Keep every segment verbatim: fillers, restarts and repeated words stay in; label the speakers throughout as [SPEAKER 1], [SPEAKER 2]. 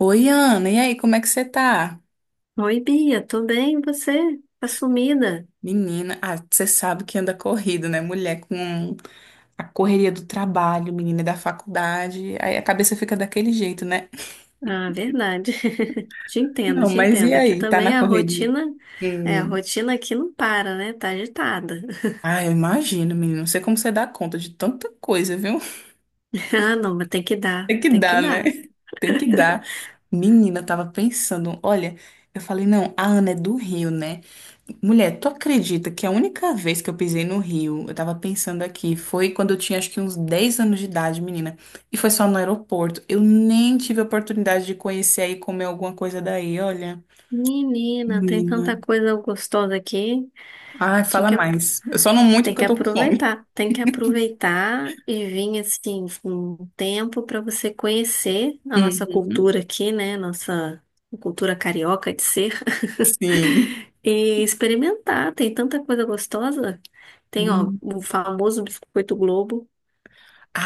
[SPEAKER 1] Oi, Ana, e aí, como é que você tá?
[SPEAKER 2] Oi, Bia, tô bem, e você? Tá sumida?
[SPEAKER 1] Menina, ah, você sabe que anda corrido, né? Mulher com a correria do trabalho, menina da faculdade, aí a cabeça fica daquele jeito, né?
[SPEAKER 2] Ah, verdade. Te entendo,
[SPEAKER 1] Não,
[SPEAKER 2] te
[SPEAKER 1] mas e
[SPEAKER 2] entendo. Aqui
[SPEAKER 1] aí, tá
[SPEAKER 2] também
[SPEAKER 1] na
[SPEAKER 2] a
[SPEAKER 1] correria?
[SPEAKER 2] rotina, é, a
[SPEAKER 1] Hum.
[SPEAKER 2] rotina aqui não para, né? Tá agitada.
[SPEAKER 1] Ah, eu imagino, menina, não sei como você dá conta de tanta coisa, viu?
[SPEAKER 2] Ah, não, mas tem que dar,
[SPEAKER 1] Tem que
[SPEAKER 2] tem que
[SPEAKER 1] dar, né?
[SPEAKER 2] dar.
[SPEAKER 1] Tem que dar. Menina, eu tava pensando, olha, eu falei, não, a Ana é do Rio, né? Mulher, tu acredita que a única vez que eu pisei no Rio, eu tava pensando aqui, foi quando eu tinha acho que uns dez anos de idade, menina. E foi só no aeroporto. Eu nem tive a oportunidade de conhecer aí comer alguma coisa daí, olha.
[SPEAKER 2] Menina, tem
[SPEAKER 1] Menina.
[SPEAKER 2] tanta coisa gostosa aqui.
[SPEAKER 1] Ai, fala mais. Eu só não muito
[SPEAKER 2] Tem
[SPEAKER 1] porque
[SPEAKER 2] que
[SPEAKER 1] eu tô com fome.
[SPEAKER 2] aproveitar, tem que aproveitar e vir assim com um tempo para você conhecer a nossa
[SPEAKER 1] Uhum,
[SPEAKER 2] cultura aqui, né? Nossa cultura carioca de ser
[SPEAKER 1] sim.
[SPEAKER 2] e experimentar. Tem tanta coisa gostosa. Tem, ó,
[SPEAKER 1] Hum.
[SPEAKER 2] o famoso biscoito Globo,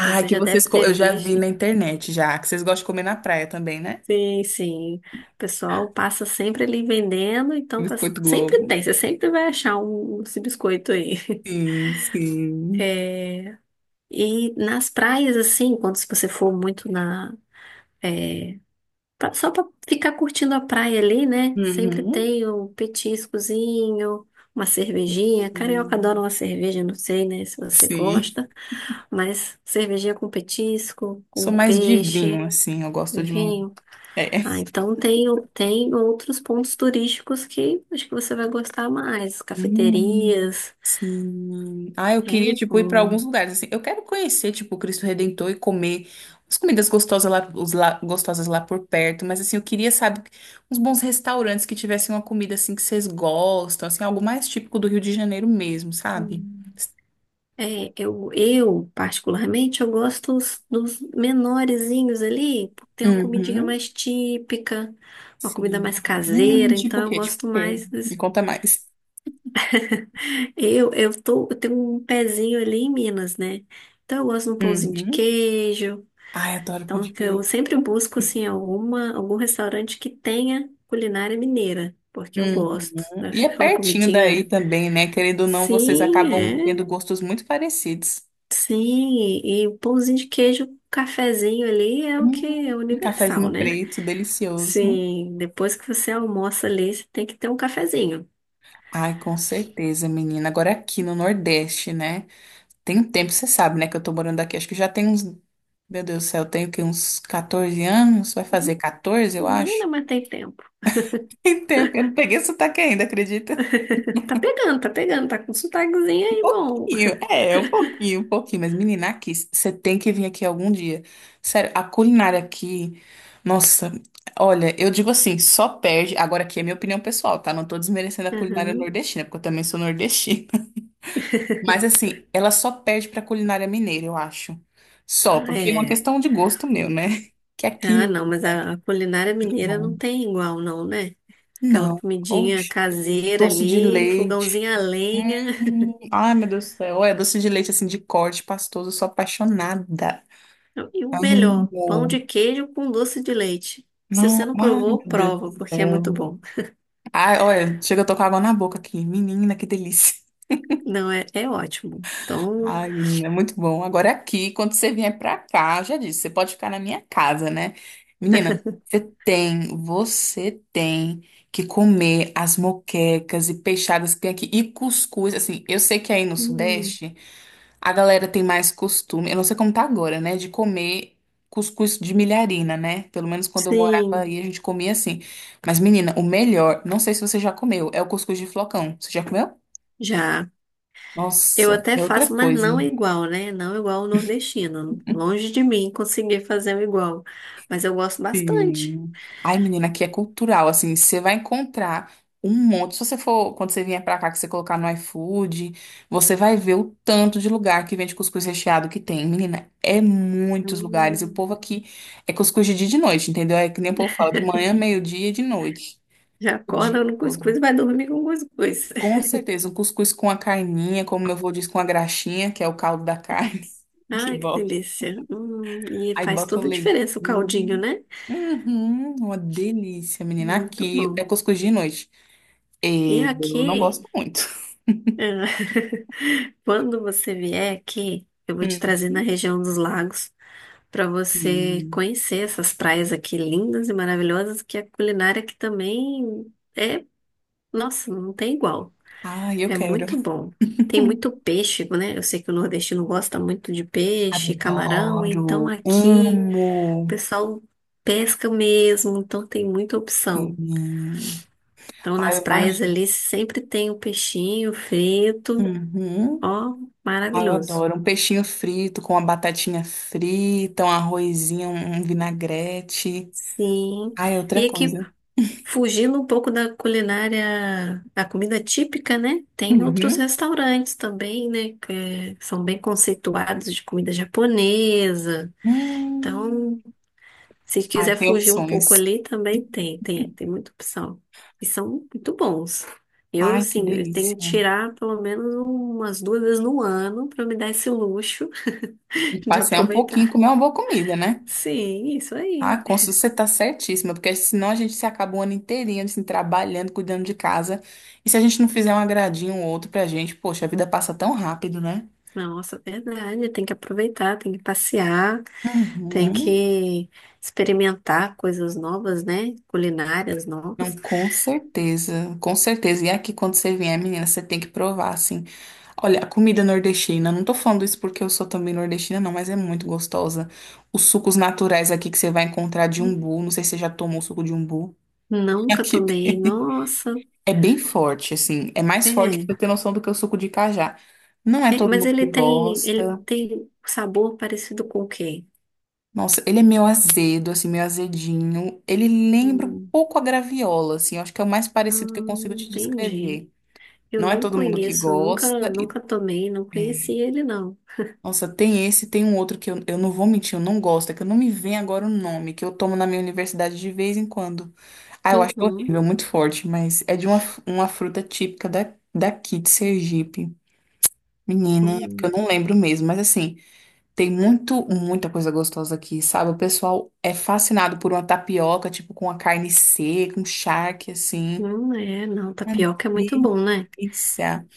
[SPEAKER 2] que você
[SPEAKER 1] que
[SPEAKER 2] já deve
[SPEAKER 1] vocês. co- Eu
[SPEAKER 2] ter
[SPEAKER 1] já vi
[SPEAKER 2] visto.
[SPEAKER 1] na internet já, que vocês gostam de comer na praia também, né?
[SPEAKER 2] Sim, sim. O pessoal passa sempre ali vendendo, então tá...
[SPEAKER 1] Biscoito Globo.
[SPEAKER 2] sempre tem, você sempre vai achar um, esse biscoito aí.
[SPEAKER 1] Sim, sim.
[SPEAKER 2] E nas praias, assim, quando se você for muito na. é, pra- só pra ficar curtindo a praia ali, né? Sempre
[SPEAKER 1] Uhum.
[SPEAKER 2] tem um petiscozinho, uma cervejinha. Carioca
[SPEAKER 1] Sim.
[SPEAKER 2] adora uma cerveja, não sei, né, se você
[SPEAKER 1] Sim.
[SPEAKER 2] gosta. Mas cervejinha com petisco,
[SPEAKER 1] Sou
[SPEAKER 2] com
[SPEAKER 1] mais de vinho,
[SPEAKER 2] peixe,
[SPEAKER 1] assim. Eu gosto de um.
[SPEAKER 2] vinho.
[SPEAKER 1] É.
[SPEAKER 2] Ah, então tem, o- tem outros pontos turísticos que acho que você vai gostar mais.
[SPEAKER 1] Hum,
[SPEAKER 2] Cafeterias,
[SPEAKER 1] sim. Ah, eu queria,
[SPEAKER 2] é,
[SPEAKER 1] tipo, ir pra alguns
[SPEAKER 2] com
[SPEAKER 1] lugares, assim. Eu quero conhecer, tipo, o Cristo Redentor e comer as comidas gostosas lá, os lá, gostosas lá por perto. Mas, assim, eu queria, sabe, uns bons restaurantes que tivessem uma comida, assim, que vocês gostam, assim, algo mais típico do Rio de Janeiro mesmo, sabe?
[SPEAKER 2] É, eu, eu, particularmente, eu gosto dos, dos menorezinhos ali, porque tem uma comidinha
[SPEAKER 1] Uhum.
[SPEAKER 2] mais típica, uma comida
[SPEAKER 1] Sim.
[SPEAKER 2] mais
[SPEAKER 1] Hum,
[SPEAKER 2] caseira, então
[SPEAKER 1] tipo o
[SPEAKER 2] eu
[SPEAKER 1] quê? Tipo o
[SPEAKER 2] gosto
[SPEAKER 1] quê?
[SPEAKER 2] mais
[SPEAKER 1] Me
[SPEAKER 2] desse.
[SPEAKER 1] conta mais.
[SPEAKER 2] Eu, eu tô, eu tenho um pezinho ali em Minas, né? Então eu gosto de um pãozinho de
[SPEAKER 1] Uhum.
[SPEAKER 2] queijo.
[SPEAKER 1] Ai, adoro pão
[SPEAKER 2] Então
[SPEAKER 1] de
[SPEAKER 2] que eu
[SPEAKER 1] queijo.
[SPEAKER 2] sempre busco, assim, alguma, algum restaurante que tenha culinária mineira, porque eu gosto.
[SPEAKER 1] Uhum.
[SPEAKER 2] Eu acho
[SPEAKER 1] E
[SPEAKER 2] que
[SPEAKER 1] é
[SPEAKER 2] aquela
[SPEAKER 1] pertinho daí
[SPEAKER 2] comidinha,
[SPEAKER 1] também, né? Querendo ou não, vocês
[SPEAKER 2] sim,
[SPEAKER 1] acabam
[SPEAKER 2] é
[SPEAKER 1] tendo gostos muito parecidos.
[SPEAKER 2] Sim, e o pãozinho de queijo, o cafezinho ali é o
[SPEAKER 1] Hum,
[SPEAKER 2] que é universal,
[SPEAKER 1] cafezinho
[SPEAKER 2] né?
[SPEAKER 1] preto, delicioso.
[SPEAKER 2] Sim, depois que você almoça ali, você tem que ter um cafezinho.
[SPEAKER 1] Ai, com certeza, menina. Agora aqui no Nordeste, né? Tem um tempo, você sabe, né? Que eu tô morando aqui. Acho que já tem uns. Meu Deus do céu, eu tenho que uns catorze anos? Vai fazer catorze, eu acho.
[SPEAKER 2] Menina, mas tem tempo.
[SPEAKER 1] Tem tempo que eu não peguei sotaque ainda, acredita?
[SPEAKER 2] Tá pegando, tá pegando, tá com sotaquezinho aí, bom.
[SPEAKER 1] Pouquinho, é, é um pouquinho, um pouquinho, mas menina, aqui, você tem que vir aqui algum dia. Sério, a culinária aqui, nossa, olha, eu digo assim, só perde, agora aqui é minha opinião pessoal, tá? Não tô desmerecendo a culinária
[SPEAKER 2] Aham.
[SPEAKER 1] nordestina, porque eu também sou nordestina. Mas assim, ela só perde pra culinária mineira, eu acho. Só,
[SPEAKER 2] Ah,
[SPEAKER 1] porque é uma
[SPEAKER 2] é.
[SPEAKER 1] questão de gosto meu, né? Que aqui,
[SPEAKER 2] Ah, não, mas a, a culinária mineira não
[SPEAKER 1] bom,
[SPEAKER 2] tem igual, não, né? Aquela
[SPEAKER 1] não,
[SPEAKER 2] comidinha
[SPEAKER 1] oxe,
[SPEAKER 2] caseira
[SPEAKER 1] doce de
[SPEAKER 2] ali,
[SPEAKER 1] leite.
[SPEAKER 2] fogãozinho a lenha.
[SPEAKER 1] Hum, ai, meu Deus do céu. Olha, doce de leite assim de corte pastoso, eu sou apaixonada.
[SPEAKER 2] E o
[SPEAKER 1] Amo.
[SPEAKER 2] melhor, pão de queijo com doce de leite. Se
[SPEAKER 1] Não,
[SPEAKER 2] você não
[SPEAKER 1] ai,
[SPEAKER 2] provou,
[SPEAKER 1] meu Deus
[SPEAKER 2] prova,
[SPEAKER 1] do
[SPEAKER 2] porque é muito
[SPEAKER 1] céu.
[SPEAKER 2] bom.
[SPEAKER 1] Ai, olha, chega, eu tô com água na boca aqui. Menina, que delícia.
[SPEAKER 2] Não, é, é ótimo. Então,
[SPEAKER 1] Ai, menina, é muito bom. Agora é aqui, quando você vier pra cá, já disse, você pode ficar na minha casa, né? Menina, você tem, você tem que comer as moquecas e peixadas que tem aqui e cuscuz. Assim, eu sei que aí no
[SPEAKER 2] hum,
[SPEAKER 1] Sudeste. A galera tem mais costume, eu não sei como tá agora, né? De comer cuscuz de milharina, né? Pelo menos quando eu morava
[SPEAKER 2] sim,
[SPEAKER 1] aí, a gente comia assim. Mas, menina, o melhor, não sei se você já comeu, é o cuscuz de flocão. Você já comeu?
[SPEAKER 2] já. Eu
[SPEAKER 1] Nossa,
[SPEAKER 2] até
[SPEAKER 1] é outra
[SPEAKER 2] faço, mas
[SPEAKER 1] coisa.
[SPEAKER 2] não igual, né? Não igual o nordestino. Longe de mim conseguir fazer o igual. Mas eu gosto bastante.
[SPEAKER 1] Sim. Ai, menina, aqui é cultural, assim, você vai encontrar um monte. Se você for, quando você vier pra cá, que você colocar no iFood, você vai ver o tanto de lugar que vende cuscuz recheado que tem. Menina, é muitos lugares. E o
[SPEAKER 2] Hum,
[SPEAKER 1] povo aqui é cuscuz de dia e de noite, entendeu? É que nem o povo fala, de manhã, meio-dia e de noite.
[SPEAKER 2] já
[SPEAKER 1] O dia
[SPEAKER 2] acorda no cuscuz e
[SPEAKER 1] todo.
[SPEAKER 2] vai dormir com cuscuz.
[SPEAKER 1] Com certeza, um cuscuz com a carninha, como meu avô diz, com a graxinha, que é o caldo da carne. Que
[SPEAKER 2] Ai, que delícia. Hum, e
[SPEAKER 1] Aí
[SPEAKER 2] faz
[SPEAKER 1] bota um
[SPEAKER 2] toda a
[SPEAKER 1] leitinho.
[SPEAKER 2] diferença o caldinho, né?
[SPEAKER 1] Uhum, uma delícia, menina.
[SPEAKER 2] Muito
[SPEAKER 1] Aqui é
[SPEAKER 2] bom.
[SPEAKER 1] cuscuz de noite.
[SPEAKER 2] E
[SPEAKER 1] Eu não
[SPEAKER 2] aqui,
[SPEAKER 1] gosto muito.
[SPEAKER 2] quando você vier aqui, eu vou te trazer na
[SPEAKER 1] Uhum,
[SPEAKER 2] região dos lagos. Para você
[SPEAKER 1] sim.
[SPEAKER 2] conhecer essas praias aqui lindas e maravilhosas, que a culinária aqui também é, nossa, não tem igual.
[SPEAKER 1] Ai, eu
[SPEAKER 2] É
[SPEAKER 1] quero.
[SPEAKER 2] muito bom. Tem muito peixe, né? Eu sei que o nordestino gosta muito de peixe, camarão,
[SPEAKER 1] Adoro.
[SPEAKER 2] então aqui
[SPEAKER 1] Amo.
[SPEAKER 2] o pessoal pesca mesmo, então tem muita opção.
[SPEAKER 1] Sim.
[SPEAKER 2] Então
[SPEAKER 1] Ai,
[SPEAKER 2] nas
[SPEAKER 1] eu
[SPEAKER 2] praias
[SPEAKER 1] imagino.
[SPEAKER 2] ali sempre tem o peixinho frito,
[SPEAKER 1] Uhum.
[SPEAKER 2] ó,
[SPEAKER 1] Ai, eu
[SPEAKER 2] maravilhoso.
[SPEAKER 1] adoro. Um peixinho frito com uma batatinha frita, um arrozinho, um vinagrete.
[SPEAKER 2] Sim.
[SPEAKER 1] Ai, é outra
[SPEAKER 2] E aqui
[SPEAKER 1] coisa.
[SPEAKER 2] fugindo um pouco da culinária, da comida típica, né? Tem outros
[SPEAKER 1] Uhum.
[SPEAKER 2] restaurantes também, né? Que são bem conceituados de comida japonesa.
[SPEAKER 1] Hum.
[SPEAKER 2] Então, se
[SPEAKER 1] Ai,
[SPEAKER 2] quiser
[SPEAKER 1] tem
[SPEAKER 2] fugir um
[SPEAKER 1] opções.
[SPEAKER 2] pouco ali, também tem, tem, tem muita opção. E são muito bons. Eu,
[SPEAKER 1] Ai, que
[SPEAKER 2] assim, eu
[SPEAKER 1] delícia.
[SPEAKER 2] tenho que tirar pelo menos umas duas vezes no ano para me dar esse luxo
[SPEAKER 1] E
[SPEAKER 2] de
[SPEAKER 1] passear um pouquinho e
[SPEAKER 2] aproveitar.
[SPEAKER 1] comer uma boa comida, né?
[SPEAKER 2] Sim, isso
[SPEAKER 1] Ah,
[SPEAKER 2] aí.
[SPEAKER 1] Consul, você tá certíssima, porque senão a gente se acaba o ano inteirinho assim, trabalhando, cuidando de casa. E se a gente não fizer um agradinho ou outro pra gente, poxa, a vida passa tão rápido, né?
[SPEAKER 2] Nossa, verdade. Tem que aproveitar, tem que passear. Tem
[SPEAKER 1] Uhum.
[SPEAKER 2] que experimentar coisas novas, né? Culinárias
[SPEAKER 1] Não,
[SPEAKER 2] novas.
[SPEAKER 1] com certeza, com certeza. E aqui, quando você vier, menina, você tem que provar, assim. Olha, a comida nordestina, não tô falando isso porque eu sou também nordestina, não, mas é muito gostosa. Os sucos naturais aqui que você vai encontrar de umbu, não sei se você já tomou suco de umbu.
[SPEAKER 2] Nunca
[SPEAKER 1] Aqui
[SPEAKER 2] tomei.
[SPEAKER 1] tem.
[SPEAKER 2] Nossa,
[SPEAKER 1] É bem forte, assim. É mais forte pra
[SPEAKER 2] é.
[SPEAKER 1] você ter noção do que o suco de cajá. Não é
[SPEAKER 2] É,
[SPEAKER 1] todo
[SPEAKER 2] mas
[SPEAKER 1] mundo
[SPEAKER 2] ele
[SPEAKER 1] que
[SPEAKER 2] tem, ele
[SPEAKER 1] gosta.
[SPEAKER 2] tem sabor parecido com o quê?
[SPEAKER 1] Nossa, ele é meio azedo, assim, meio azedinho. Ele lembra um
[SPEAKER 2] Hum,
[SPEAKER 1] pouco a graviola, assim. Eu acho que é o mais
[SPEAKER 2] ah,
[SPEAKER 1] parecido que eu consigo te
[SPEAKER 2] entendi.
[SPEAKER 1] descrever.
[SPEAKER 2] Eu
[SPEAKER 1] Não é
[SPEAKER 2] não
[SPEAKER 1] todo mundo que
[SPEAKER 2] conheço, nunca,
[SPEAKER 1] gosta. E,
[SPEAKER 2] nunca tomei, não conheci
[SPEAKER 1] é.
[SPEAKER 2] ele, não.
[SPEAKER 1] Nossa, tem esse, tem um outro que eu, eu não vou mentir, eu não gosto. É que eu não me vem agora o nome, que eu tomo na minha universidade de vez em quando. Ah, eu acho
[SPEAKER 2] Uhum.
[SPEAKER 1] horrível, muito forte, mas é de uma, uma fruta típica da, daqui, de Sergipe. Menina, é porque eu
[SPEAKER 2] Hum,
[SPEAKER 1] não lembro mesmo, mas assim, tem muito, muita coisa gostosa aqui, sabe? O pessoal é fascinado por uma tapioca, tipo, com a carne seca, um charque, assim.
[SPEAKER 2] hum, é, não,
[SPEAKER 1] Uma
[SPEAKER 2] tapioca é muito bom, né?
[SPEAKER 1] delícia.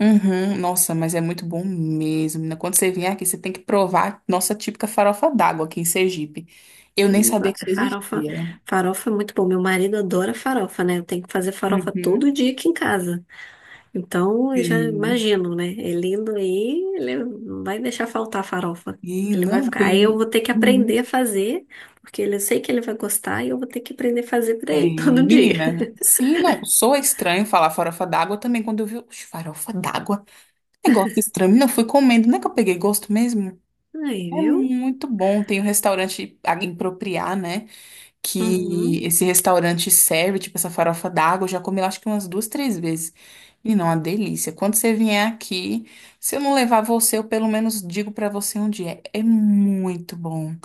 [SPEAKER 1] Uhum, nossa, mas é muito bom mesmo, menina. Quando você vier aqui, você tem que provar nossa típica farofa d'água aqui em Sergipe. Eu nem
[SPEAKER 2] Hum,
[SPEAKER 1] sabia que isso
[SPEAKER 2] Farofa,
[SPEAKER 1] existia.
[SPEAKER 2] farofa é muito bom. Meu marido adora farofa, né? Eu tenho que fazer farofa todo
[SPEAKER 1] Uhum.
[SPEAKER 2] dia aqui em casa. Então, eu já
[SPEAKER 1] Sim.
[SPEAKER 2] imagino, né? Elindo aí, ele não vai deixar faltar farofa.
[SPEAKER 1] E
[SPEAKER 2] Ele vai
[SPEAKER 1] não
[SPEAKER 2] ficar. Aí eu
[SPEAKER 1] tem.
[SPEAKER 2] vou ter que
[SPEAKER 1] Uhum.
[SPEAKER 2] aprender a fazer, porque ele- eu sei que ele vai gostar e eu vou ter que aprender a fazer pra
[SPEAKER 1] É,
[SPEAKER 2] ele todo dia.
[SPEAKER 1] menina, sim, não, sou estranho falar farofa d'água também, quando eu vi, oxe, farofa d'água, negócio estranho, não fui comendo, não é que eu peguei gosto mesmo?
[SPEAKER 2] Aí,
[SPEAKER 1] É
[SPEAKER 2] viu?
[SPEAKER 1] muito bom, tem um restaurante a- em Propriá, né, que
[SPEAKER 2] Uhum.
[SPEAKER 1] esse restaurante serve, tipo, essa farofa d'água, eu já comi, eu acho que umas duas, três vezes, e não, uma delícia, quando você vier aqui, se eu não levar você, eu pelo menos digo pra você onde é, é muito bom,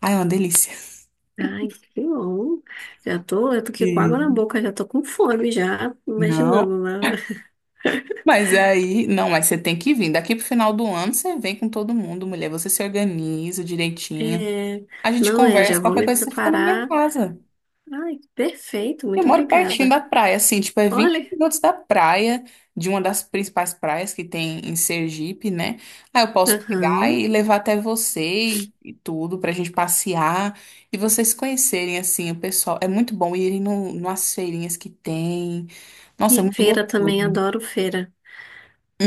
[SPEAKER 1] ai, é uma delícia.
[SPEAKER 2] Ai, que bom. Já tô, eu tô aqui com água na
[SPEAKER 1] Sim.
[SPEAKER 2] boca, já tô com fome, já
[SPEAKER 1] Não.
[SPEAKER 2] imaginando, né?
[SPEAKER 1] Mas aí, não, mas você tem que vir. Daqui pro final do ano você vem com todo mundo, mulher. Você se organiza direitinho.
[SPEAKER 2] É,
[SPEAKER 1] A gente
[SPEAKER 2] não é, já
[SPEAKER 1] conversa,
[SPEAKER 2] vou
[SPEAKER 1] qualquer
[SPEAKER 2] me
[SPEAKER 1] coisa você fica na minha
[SPEAKER 2] preparar.
[SPEAKER 1] casa.
[SPEAKER 2] Ai, perfeito,
[SPEAKER 1] Eu
[SPEAKER 2] muito
[SPEAKER 1] moro pertinho
[SPEAKER 2] obrigada.
[SPEAKER 1] da praia, assim, tipo, é vinte
[SPEAKER 2] Olha.
[SPEAKER 1] minutos da praia, de uma das principais praias que tem em Sergipe, né? Aí eu posso pegar
[SPEAKER 2] Aham.
[SPEAKER 1] e levar até você e, e tudo, pra gente passear e vocês se conhecerem, assim, o pessoal. É muito bom irem no, nas feirinhas que tem. Nossa, é
[SPEAKER 2] E
[SPEAKER 1] muito
[SPEAKER 2] feira também,
[SPEAKER 1] gostoso.
[SPEAKER 2] adoro feira.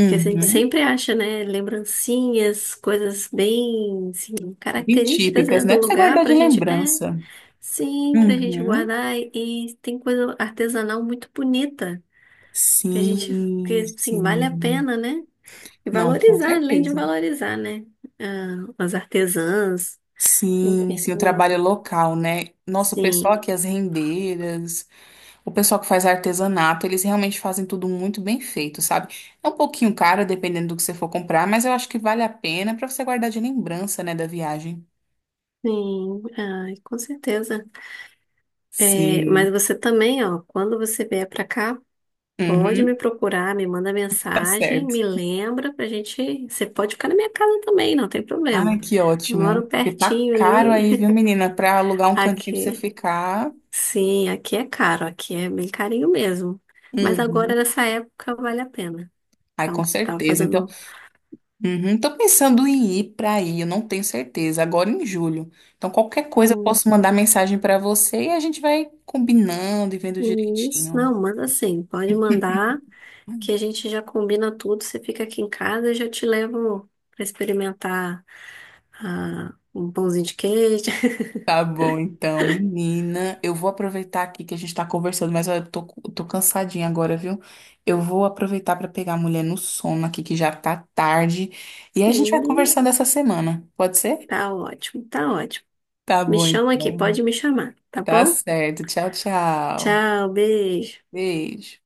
[SPEAKER 2] Porque a gente sempre acha, né, lembrancinhas, coisas bem, assim,
[SPEAKER 1] Bem
[SPEAKER 2] características, né,
[SPEAKER 1] típicas, né?
[SPEAKER 2] do
[SPEAKER 1] Pra você
[SPEAKER 2] lugar
[SPEAKER 1] guardar de
[SPEAKER 2] pra gente, é,
[SPEAKER 1] lembrança.
[SPEAKER 2] sim, pra gente
[SPEAKER 1] Uhum.
[SPEAKER 2] guardar e, tem coisa artesanal muito bonita que a gente, que,
[SPEAKER 1] Sim,
[SPEAKER 2] assim, vale a
[SPEAKER 1] sim.
[SPEAKER 2] pena, né? E
[SPEAKER 1] Não, com
[SPEAKER 2] valorizar, além de
[SPEAKER 1] certeza.
[SPEAKER 2] valorizar, né? Ah, as artesãs,
[SPEAKER 1] Sim,
[SPEAKER 2] enfim,
[SPEAKER 1] sim, o trabalho local, né? Nossa, o pessoal
[SPEAKER 2] sim,
[SPEAKER 1] aqui, as rendeiras, o pessoal que faz artesanato, eles realmente fazem tudo muito bem feito, sabe? É um pouquinho caro, dependendo do que você for comprar, mas eu acho que vale a pena pra você guardar de lembrança, né, da viagem.
[SPEAKER 2] sim, ai, com certeza. É,
[SPEAKER 1] Sim.
[SPEAKER 2] mas você também, ó, quando você vier pra cá pode me
[SPEAKER 1] Uhum,
[SPEAKER 2] procurar, me manda
[SPEAKER 1] tá
[SPEAKER 2] mensagem,
[SPEAKER 1] certo.
[SPEAKER 2] me lembra pra gente. Você pode ficar na minha casa também, não tem problema.
[SPEAKER 1] Ai, que
[SPEAKER 2] Moro
[SPEAKER 1] ótimo. Porque tá
[SPEAKER 2] pertinho
[SPEAKER 1] caro
[SPEAKER 2] ali.
[SPEAKER 1] aí, viu, menina, pra alugar um cantinho pra você
[SPEAKER 2] Aqui,
[SPEAKER 1] ficar.
[SPEAKER 2] sim, aqui é caro, aqui é bem carinho mesmo. Mas agora
[SPEAKER 1] Uhum.
[SPEAKER 2] nessa época vale a pena.
[SPEAKER 1] Ai, com
[SPEAKER 2] Então, tava
[SPEAKER 1] certeza. Então,
[SPEAKER 2] fazendo
[SPEAKER 1] uhum, tô pensando em ir para aí, eu não tenho certeza, agora em julho. Então, qualquer coisa eu
[SPEAKER 2] um-
[SPEAKER 1] posso mandar mensagem para você e a gente vai combinando e vendo
[SPEAKER 2] um isso.
[SPEAKER 1] direitinho.
[SPEAKER 2] Não, manda sim, pode mandar que a gente já combina tudo. Você fica aqui em casa, eu já te levo pra experimentar ah, um pãozinho de queijo.
[SPEAKER 1] Tá bom, então, menina, eu vou aproveitar aqui que a gente tá conversando, mas eu tô, tô cansadinha agora, viu? Eu vou aproveitar para pegar a mulher no sono aqui, que já tá tarde, e a gente vai
[SPEAKER 2] Sim,
[SPEAKER 1] conversando essa semana, pode ser?
[SPEAKER 2] tá ótimo, tá ótimo.
[SPEAKER 1] Tá
[SPEAKER 2] Me
[SPEAKER 1] bom,
[SPEAKER 2] chama aqui,
[SPEAKER 1] então.
[SPEAKER 2] pode me chamar, tá
[SPEAKER 1] Tá
[SPEAKER 2] bom?
[SPEAKER 1] certo. Tchau, tchau.
[SPEAKER 2] Tchau, beijo.
[SPEAKER 1] Beijo.